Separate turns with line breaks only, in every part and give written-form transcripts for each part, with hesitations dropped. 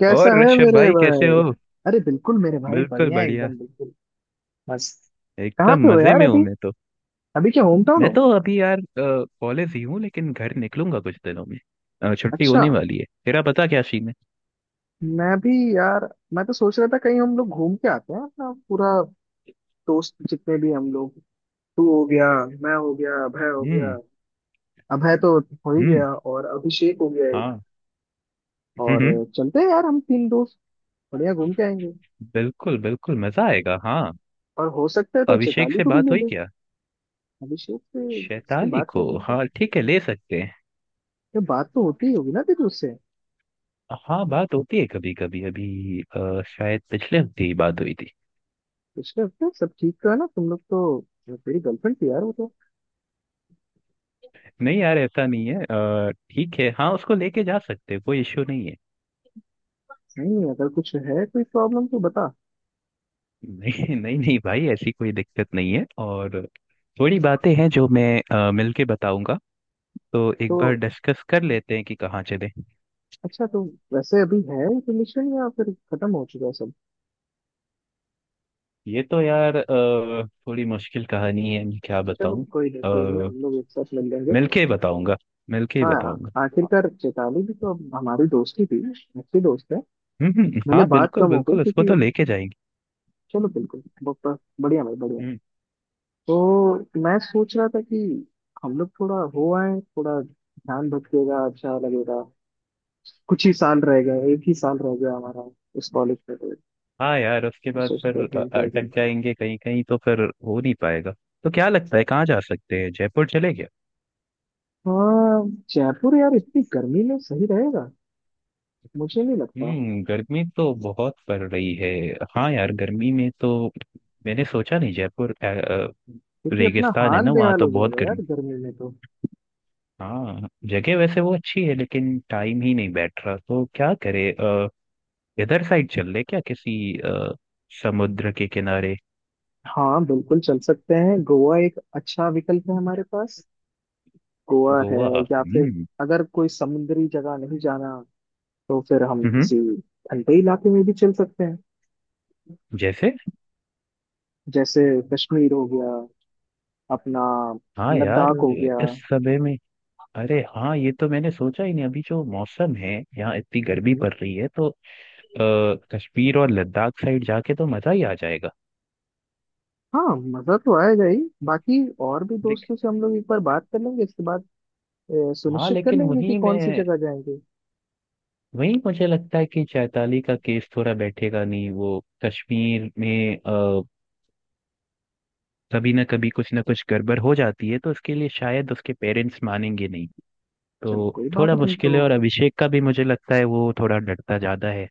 कैसा
और
है
ऋषभ
मेरे
भाई, कैसे
भाई?
हो?
अरे बिल्कुल मेरे भाई,
बिल्कुल
बढ़िया
बढ़िया,
एकदम, बिल्कुल मस्त। कहाँ
एकदम
पे हो
मजे
यार
में हूँ
अभी?
मैं तो।
अभी क्या होम टाउन
मैं
हो?
तो अभी यार कॉलेज ही हूँ, लेकिन घर निकलूंगा कुछ दिनों में। छुट्टी
अच्छा।
होने वाली है, तेरा पता क्या सीन है?
मैं भी यार, मैं तो सोच रहा था कहीं हम लोग घूम के आते हैं अपना पूरा दोस्त जितने भी हम लोग। तू हो गया, मैं हो गया, अभय हो गया।
हम्म।
अभय तो हो ही
हम्म।
गया और अभिषेक हो गया एक।
हाँ। हम्म।
और
हम्म।
चलते हैं यार हम तीन दोस्त, बढ़िया घूम के आएंगे।
बिल्कुल बिल्कुल, मजा आएगा, हाँ।
और हो सकता है तो
अभिषेक
चैताली
से
को भी
बात
ले
हुई
लें।
क्या?
अभिषेक से इसकी
शैताली
बात
को?
कर लेंगे।
हाँ ठीक है, ले सकते हैं।
ये बात तो होती ही होगी ना तेरी।
हाँ, बात होती है कभी कभी। अभी शायद पिछले हफ्ते ही बात हुई थी।
पिछले हफ्ते सब ठीक तो है ना तुम लोग तो? तेरी गर्लफ्रेंड थी यार वो तो।
नहीं यार, ऐसा नहीं है। ठीक है, हाँ, उसको लेके जा सकते हैं, कोई इश्यू नहीं है।
नहीं, अगर कुछ है कोई प्रॉब्लम तो बता।
नहीं नहीं नहीं भाई, ऐसी कोई दिक्कत नहीं है। और थोड़ी बातें हैं जो मैं मिलके बताऊंगा। तो एक बार
तो
डिस्कस कर लेते हैं कि कहाँ चले।
अच्छा, तो वैसे अभी है रिलेशन या फिर खत्म हो चुका है सब?
ये तो यार थोड़ी मुश्किल कहानी है, मैं क्या
चलो
बताऊं।
कोई नहीं कोई नहीं,
अ,
हम लोग एक साथ मिल लेंगे।
मिलके ही बताऊंगा। मिलके ही
हाँ,
बताऊंगा।
आखिरकार चेताली भी तो अब हमारी दोस्त ही थी, अच्छी दोस्त है।
हम्म। हम्म।
भले
हाँ
बात
बिल्कुल
कम हो गई,
बिल्कुल, उसको
क्योंकि
तो लेके जाएंगे।
चलो बिल्कुल बढ़िया भाई बढ़िया।
हम्म।
तो मैं सोच रहा था कि हम लोग थोड़ा हो आए, थोड़ा ध्यान भटकेगा, अच्छा लगेगा। कुछ ही साल रह गए, एक ही साल रह गया हमारा इस कॉलेज में तो।
हाँ यार, उसके बाद फिर
सोचते थे क्या करें।
अटक जाएंगे कहीं। कहीं तो फिर हो नहीं पाएगा। तो क्या लगता है, कहाँ जा सकते हैं? जयपुर चले?
हाँ जयपुर यार, इतनी गर्मी में सही रहेगा? मुझे नहीं लगता,
गर्मी तो बहुत पड़ रही है। हाँ यार, गर्मी में तो मैंने सोचा नहीं जयपुर।
क्योंकि अपना
रेगिस्तान है
हाल
ना, वहाँ
बेहाल
तो
हो
बहुत
जाएगा यार
गर्मी।
गर्मी में तो।
हाँ, जगह वैसे वो अच्छी है लेकिन टाइम ही नहीं बैठ रहा, तो क्या करे। इधर साइड चल ले क्या किसी अ, समुद्र के किनारे।
हाँ बिल्कुल चल सकते हैं, गोवा एक अच्छा विकल्प है हमारे पास। गोवा है।
गोवा।
या फिर
हम्म।
अगर कोई समुद्री जगह नहीं जाना तो फिर हम
हम्म।
किसी ठंडे इलाके में भी चल सकते हैं।
जैसे?
जैसे कश्मीर हो गया अपना,
हाँ यार,
लद्दाख हो गया।
इस समय में अरे हाँ, ये तो मैंने सोचा ही नहीं। अभी जो मौसम है यहाँ, इतनी गर्मी
हम्म।
पड़ रही है, तो अ, कश्मीर और लद्दाख साइड जाके तो मजा ही आ जाएगा।
हाँ मजा तो आएगा ही। बाकी और भी
लेकिन
दोस्तों से हम लोग एक बार बात कर लेंगे इसके बाद,
हाँ,
सुनिश्चित कर
लेकिन
लेंगे कि
वही
कौन सी
मैं,
जगह जाएंगे।
वही मुझे लगता है कि चैताली का केस थोड़ा बैठेगा नहीं। वो कश्मीर में कभी ना कभी कुछ ना कुछ गड़बड़ हो जाती है, तो उसके लिए शायद उसके पेरेंट्स मानेंगे नहीं।
चलो
तो
कोई बात
थोड़ा
नहीं
मुश्किल है।
तो।
और अभिषेक का भी मुझे लगता है वो थोड़ा डरता ज्यादा है।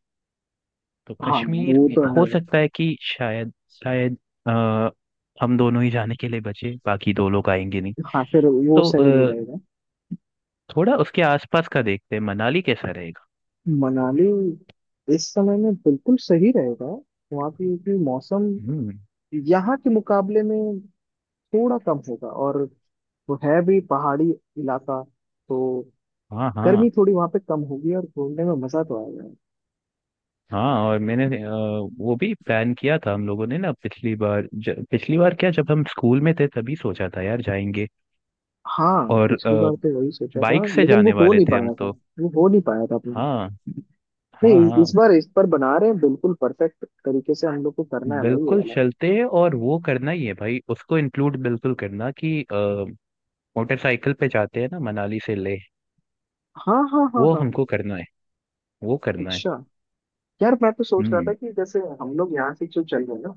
तो
हाँ यार,
कश्मीर
वो
में
तो है।
हो सकता है कि शायद शायद अ, हम दोनों ही जाने के लिए बचे, बाकी दो लोग आएंगे नहीं।
हाँ फिर वो
तो
सही नहीं रहेगा।
थोड़ा उसके आसपास का देखते हैं, मनाली कैसा रहेगा?
मनाली इस समय में बिल्कुल सही रहेगा। वहाँ की मौसम
हम्म।
यहाँ के मुकाबले में थोड़ा कम होगा, और वो है भी पहाड़ी इलाका तो।
हाँ
गर्मी
हाँ।
थोड़ी वहाँ पे कम होगी और घूमने में मजा तो आएगा।
हाँ, और मैंने वो भी प्लान किया था हम लोगों ने ना, पिछली बार, पिछली बार क्या, जब हम स्कूल में थे तभी सोचा था यार जाएंगे।
हाँ
और
पिछली बार तो वही सोचा था
बाइक से
लेकिन वो
जाने
हो
वाले
नहीं
थे हम
पाया था,
तो।
वो हो नहीं पाया था अपने।
हाँ। हाँ
नहीं
हाँ।
इस बार इस पर बना रहे हैं, बिल्कुल परफेक्ट तरीके से हम लोग को करना है भाई ये
बिल्कुल
वाला।
चलते हैं, और वो करना ही है भाई, उसको इंक्लूड बिल्कुल करना कि मोटरसाइकिल पे जाते हैं ना मनाली से ले।
हाँ हाँ हाँ
वो
हाँ हाँ।
हमको करना है। वो करना है।
अच्छा यार, मैं तो सोच रहा था
हम्म।
कि जैसे हम लोग यहाँ से जो चल रहे हैं ना,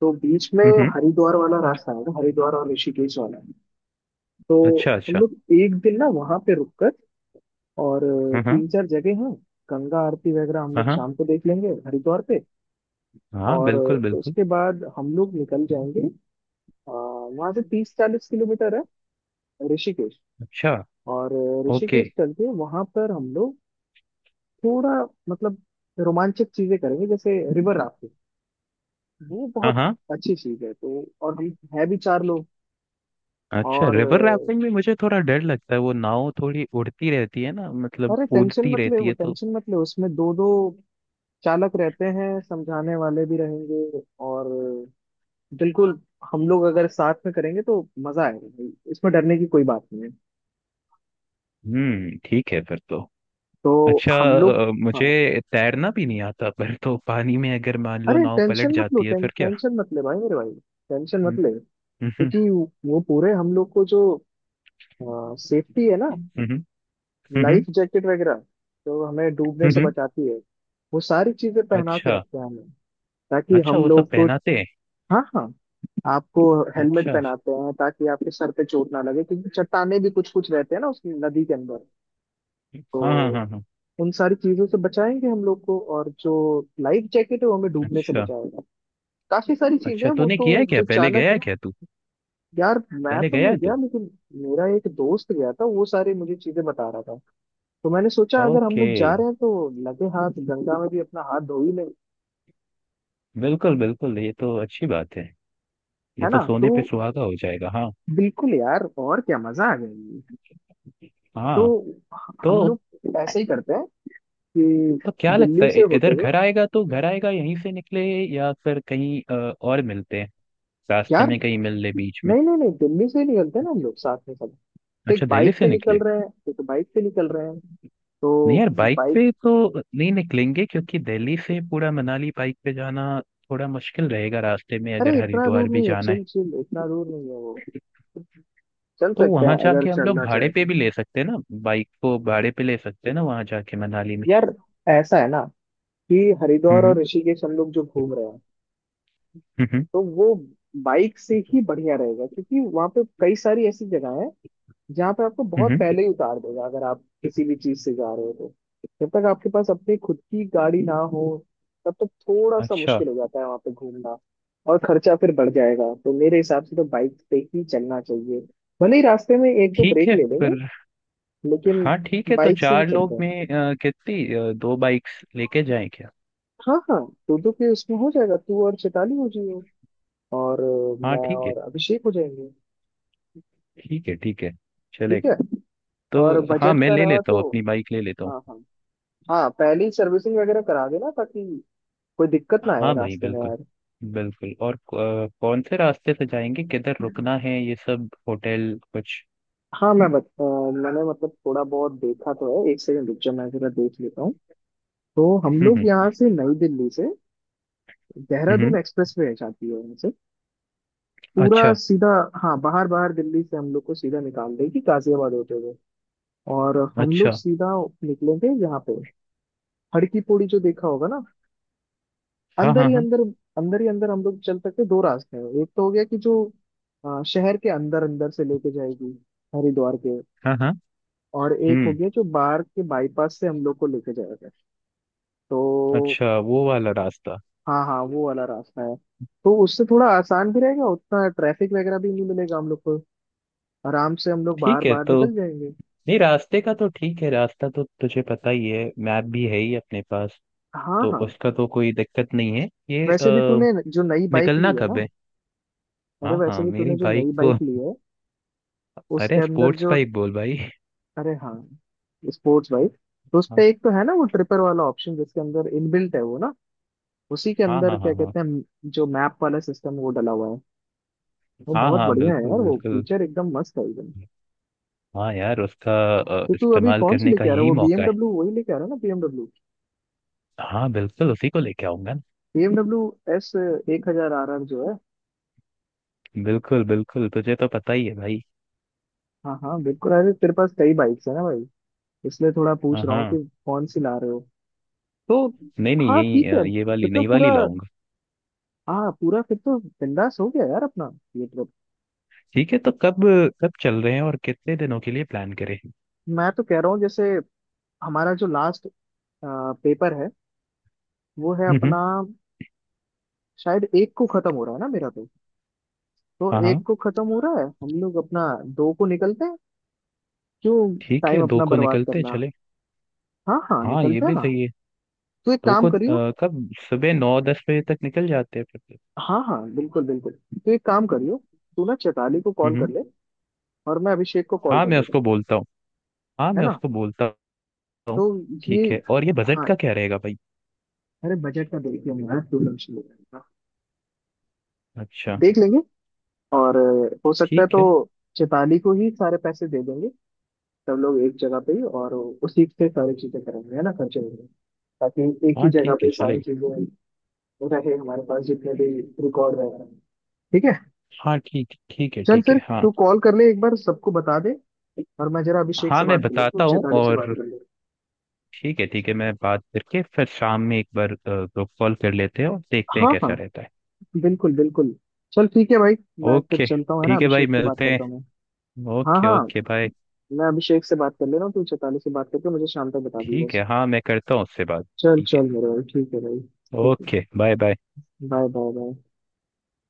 तो बीच में
हम्म। हम्म।
हरिद्वार वाला रास्ता है ना, हरिद्वार और ऋषिकेश वाला। तो
अच्छा
हम
अच्छा।
लोग एक दिन ना वहां पे रुक कर, और
हाँ हाँ
तीन चार जगह हैं, गंगा आरती वगैरह हम लोग
हाँ
शाम को देख लेंगे हरिद्वार पे।
हाँ।
और
बिल्कुल बिल्कुल।
उसके बाद हम लोग निकल जाएंगे। वहां से 30 40 किलोमीटर है ऋषिकेश।
अच्छा।
और
ओके।
ऋषिकेश चल के वहां पर हम लोग थोड़ा मतलब रोमांचक चीजें करेंगे, जैसे रिवर राफ्टिंग। वो
हाँ
बहुत
हाँ।
अच्छी चीज है तो, और हम है भी चार लोग।
अच्छा,
और
रिवर राफ्टिंग भी मुझे थोड़ा डर लगता है, वो नाव थोड़ी उड़ती रहती है ना, मतलब
अरे टेंशन
कूदती
मत ले,
रहती
वो
है तो।
टेंशन मत ले, उसमें दो दो चालक रहते हैं, समझाने वाले भी रहेंगे। और बिल्कुल हम लोग अगर साथ में करेंगे तो मजा आएगा भाई, इसमें डरने की कोई बात नहीं है।
ठीक है फिर तो।
तो
अच्छा।
हम लोग हाँ,
मुझे तैरना भी नहीं आता, पर तो पानी में अगर मान लो
अरे
नाव पलट
टेंशन मत लो,
जाती है फिर क्या?
टेंशन मत ले भाई मेरे भाई, टेंशन मत
हम्म।
ले।
हम्म।
क्योंकि वो पूरे हम लोग को जो सेफ्टी है ना,
हम्म। हम्म।
लाइफ
हम्म।
जैकेट वगैरह, जो हमें डूबने
हम्म।
से
हम्म।
बचाती है, वो सारी चीजें पहना के
अच्छा।
रखते हैं हमें, ताकि
अच्छा,
हम
वो सब
लोग को।
पहनाते हैं?
हाँ हाँ आपको हेलमेट
अच्छा अच्छा।
पहनाते हैं ताकि आपके सर पे चोट ना लगे, क्योंकि चट्टाने भी कुछ कुछ रहते हैं ना उस नदी के अंदर। तो
हाँ हाँ हाँ हाँ।
उन सारी चीजों से बचाएंगे हम लोग को, और जो लाइफ जैकेट है वो हमें डूबने से
अच्छा
बचाएगा। काफी सारी चीजें
अच्छा,
हैं वो
तूने
तो,
किया है क्या,
जो
पहले गया
चालक है।
है क्या तू?
यार मैं
पहले
तो
गया
नहीं
है तू?
गया लेकिन मेरा एक दोस्त गया था, वो सारी मुझे चीजें बता रहा था। तो मैंने सोचा अगर हम
ओके।
लोग जा रहे हैं तो लगे हाथ गंगा में भी अपना हाथ धो ही लें,
बिल्कुल बिल्कुल, ये तो अच्छी बात है। ये
है
तो
ना। तो
सोने पे सुहागा हो जाएगा, हाँ।
बिल्कुल यार, और क्या मजा आ जाएगी। तो
हाँ।
हम
तो
लोग ऐसे ही करते हैं कि
तो क्या लगता
दिल्ली
है,
से होते
इधर
हुए,
घर आएगा तो घर आएगा, यहीं से निकले या फिर कहीं और मिलते हैं? रास्ते
यार
में कहीं मिल ले बीच में?
नहीं नहीं नहीं, दिल्ली से ही निकलते हैं ना हम लोग साथ में सब। तो एक
अच्छा, दिल्ली
बाइक
से
पे निकल
निकले।
रहे हैं, एक बाइक पे निकल रहे हैं
नहीं
तो
यार, बाइक
बाइक।
पे तो नहीं निकलेंगे, क्योंकि दिल्ली से पूरा मनाली बाइक पे जाना थोड़ा मुश्किल रहेगा, रास्ते में
अरे
अगर
इतना दूर
हरिद्वार भी
नहीं है,
जाना है।
चिल चिल, इतना दूर नहीं है वो, चल
तो
सकते हैं
वहां
अगर
जाके हम लोग
चलना
भाड़े
चाहे
पे
तो।
भी ले सकते हैं ना? बाइक को भाड़े पे ले सकते हैं ना वहां जाके मनाली में?
यार ऐसा है ना कि हरिद्वार
हम्म।
और ऋषिकेश हम लोग जो घूम रहे हैं,
हम्म।
तो वो बाइक से ही बढ़िया रहेगा, क्योंकि वहां पे कई सारी ऐसी जगह है जहाँ पे आपको बहुत
हम्म।
पहले ही उतार देगा अगर आप किसी भी चीज से जा रहे हो तो। जब तक आपके पास अपनी खुद की गाड़ी ना हो तब तक थोड़ा सा
अच्छा।
मुश्किल हो जाता है वहां पे घूमना, और खर्चा फिर बढ़ जाएगा। तो मेरे हिसाब से तो बाइक पे ही चलना चाहिए, भले ही रास्ते में एक दो
ठीक
ब्रेक
है
ले लेंगे
फिर।
लेकिन।
हाँ ठीक है, तो
बाइक से ही
चार
चलते
लोग में
हैं,
कितनी दो बाइक्स लेके जाएं क्या?
हाँ हाँ, दो दो के उसमें हो जाएगा, तू और चैताली हो जाइए, और
हाँ
मैं
ठीक है,
और अभिषेक हो जाएंगे।
ठीक है ठीक है। चले।
ठीक है,
तो
और
हाँ,
बजट
मैं
का
ले
रहा
लेता
तो।
हूँ, अपनी बाइक ले लेता हूँ।
हाँ हाँ, हाँ पहले ही सर्विसिंग वगैरह करा देना ताकि कोई दिक्कत ना
हाँ
आए
भाई,
रास्ते में
बिल्कुल
यार।
बिल्कुल। और कौन से रास्ते से जाएंगे, किधर रुकना है, ये सब होटल कुछ।
हाँ मैंने मतलब थोड़ा बहुत देखा तो है, एक सेकंड रुक जाओ मैं जरा देख लेता हूँ। तो हम लोग
हम्म।
यहाँ से, नई दिल्ली से
हम्म। हम्म।
देहरादून एक्सप्रेस वे जाती है यहाँ से, पूरा
अच्छा
सीधा। हाँ बाहर बाहर दिल्ली से हम लोग को सीधा निकाल देगी गाजियाबाद होते हुए, और हम लोग
अच्छा।
सीधा निकलेंगे। यहाँ पे हड़की पौड़ी जो देखा होगा ना,
हाँ
अंदर
हाँ
ही
हाँ
अंदर, अंदर ही अंदर हम लोग चल सकते हैं। दो रास्ते हैं, एक तो हो गया कि जो शहर के अंदर अंदर से लेके जाएगी हरिद्वार के,
हाँ हाँ।
और एक हो
हम्म।
गया जो बाहर के बाईपास से हम लोग को लेके जाएगा। तो
अच्छा, वो वाला रास्ता।
हाँ हाँ वो वाला रास्ता है, तो उससे थोड़ा आसान भी रहेगा, उतना ट्रैफिक वगैरह भी नहीं मिलेगा हम लोग को, आराम से हम लोग बाहर
ठीक है
बाहर
तो
निकल जाएंगे।
नहीं, रास्ते का तो ठीक है, रास्ता तो तुझे पता ही है। मैप भी है ही अपने पास।
हाँ
तो
हाँ,
उसका तो कोई दिक्कत नहीं है, ये
वैसे भी तूने जो नई बाइक
निकलना
ली है
कब
ना,
है?
अरे
हाँ
वैसे
हाँ,
भी
मेरी
तूने जो
बाइक
नई
तो
बाइक ली है उसके
अरे
अंदर
स्पोर्ट्स
जो,
बाइक बोल भाई।
अरे हाँ, स्पोर्ट्स बाइक, तो उस
हाँ
पे एक तो है ना वो ट्रिपर वाला ऑप्शन जिसके अंदर इनबिल्ट है वो ना, उसी के
हाँ
अंदर
हाँ
क्या
हाँ हाँ।
कहते हैं जो मैप वाला सिस्टम वो डला हुआ है। वो
हाँ
बहुत
हाँ
बढ़िया है
बिल्कुल
यार, वो
बिल्कुल।
फीचर एकदम मस्त है एकदम।
हाँ यार, उसका
तो तू अभी
इस्तेमाल
कौन सी
करने का
लेके आ रहा है,
यही
वो
मौका है।
BMW वही लेके आ रहा है ना BMW?
हाँ बिल्कुल, उसी को लेके आऊंगा ना।
BMW एस 1000 आर आर जो है।
बिल्कुल बिल्कुल, तुझे तो पता ही है भाई।
हाँ हाँ बिल्कुल, अरे तेरे पास कई बाइक्स है ना भाई, इसलिए थोड़ा
हाँ
पूछ रहा हूँ कि
हाँ।
कौन सी ला रहे हो। तो
नहीं नहीं,
हाँ
यही
ठीक है
ये वाली
फिर तो
नई
पूरा,
वाली लाऊंगा।
हाँ पूरा फिर तो बिंदास हो गया यार अपना ये ट्रिप।
ठीक है तो कब, कब चल रहे हैं और कितने दिनों के लिए प्लान करें?
मैं तो कह रहा हूँ जैसे हमारा जो लास्ट पेपर है वो है अपना, शायद एक को खत्म हो रहा है ना मेरा तो
हाँ
एक
हाँ
को खत्म हो रहा है, हम लोग अपना दो को निकलते हैं। क्यों
ठीक है,
टाइम
दो
अपना
को
बर्बाद
निकलते हैं,
करना?
चले।
हाँ हाँ
हाँ, ये
निकलते हैं
भी
ना,
सही है।
तो एक
दो
काम
को
करियो,
कब, सुबह 9-10 बजे तक निकल जाते हैं फिर तो।
हाँ हाँ बिल्कुल बिल्कुल, तो एक काम करियो, तू ना चैताली को कॉल कर
हम्म।
ले, और मैं अभिषेक को कॉल
हाँ,
कर
मैं
लेता हूँ,
उसको बोलता हूँ। हाँ,
है
मैं
ना।
उसको बोलता हूँ।
तो ये
ठीक है, और ये बजट
हाँ,
का क्या रहेगा भाई?
अरे बजट का देख लेंगे यार, तू टेंशन मत ले।
अच्छा।
देख लेंगे, और हो सकता है
ठीक
तो
है।
चैताली को ही सारे पैसे दे देंगे सब लोग एक जगह पे, और उसी से सारी चीजें करेंगे, है ना, खर्चेंगे, ताकि एक ही
हाँ
जगह
ठीक है,
पे सारी
चलेगा।
चीजें रहे हमारे पास जितने भी रिकॉर्ड वगैरह हैं। ठीक है,
हाँ ठीक, ठीक है
चल
ठीक
फिर
है, हाँ।
तू कॉल कर ले एक बार सबको बता दे, और मैं जरा अभिषेक
हाँ,
से
मैं
बात कर लेंगे, तो
बताता हूँ,
चेताली से
और
बात कर लेंगे।
ठीक है ठीक है, मैं बात करके फिर शाम में एक बार ग्रुप कॉल कर लेते हैं और देखते हैं
हाँ
कैसा
हाँ
रहता है।
बिल्कुल बिल्कुल, चल ठीक है भाई, मैं फिर
ओके।
चलता हूँ है ना,
ठीक है भाई,
अभिषेक से बात
मिलते
करता हूँ मैं।
हैं।
हाँ
ओके
हाँ,
ओके, बाय।
मैं अभिषेक से बात कर ले रहा हूँ, तू चेताली से बात करके मुझे शाम तक बता दी
ठीक
बस।
है, हाँ मैं करता हूँ उससे बात,
चल
ठीक है।
चल मेरे भाई, ठीक है भाई, ठीक
ओके बाय बाय।
है। Bye bye bye.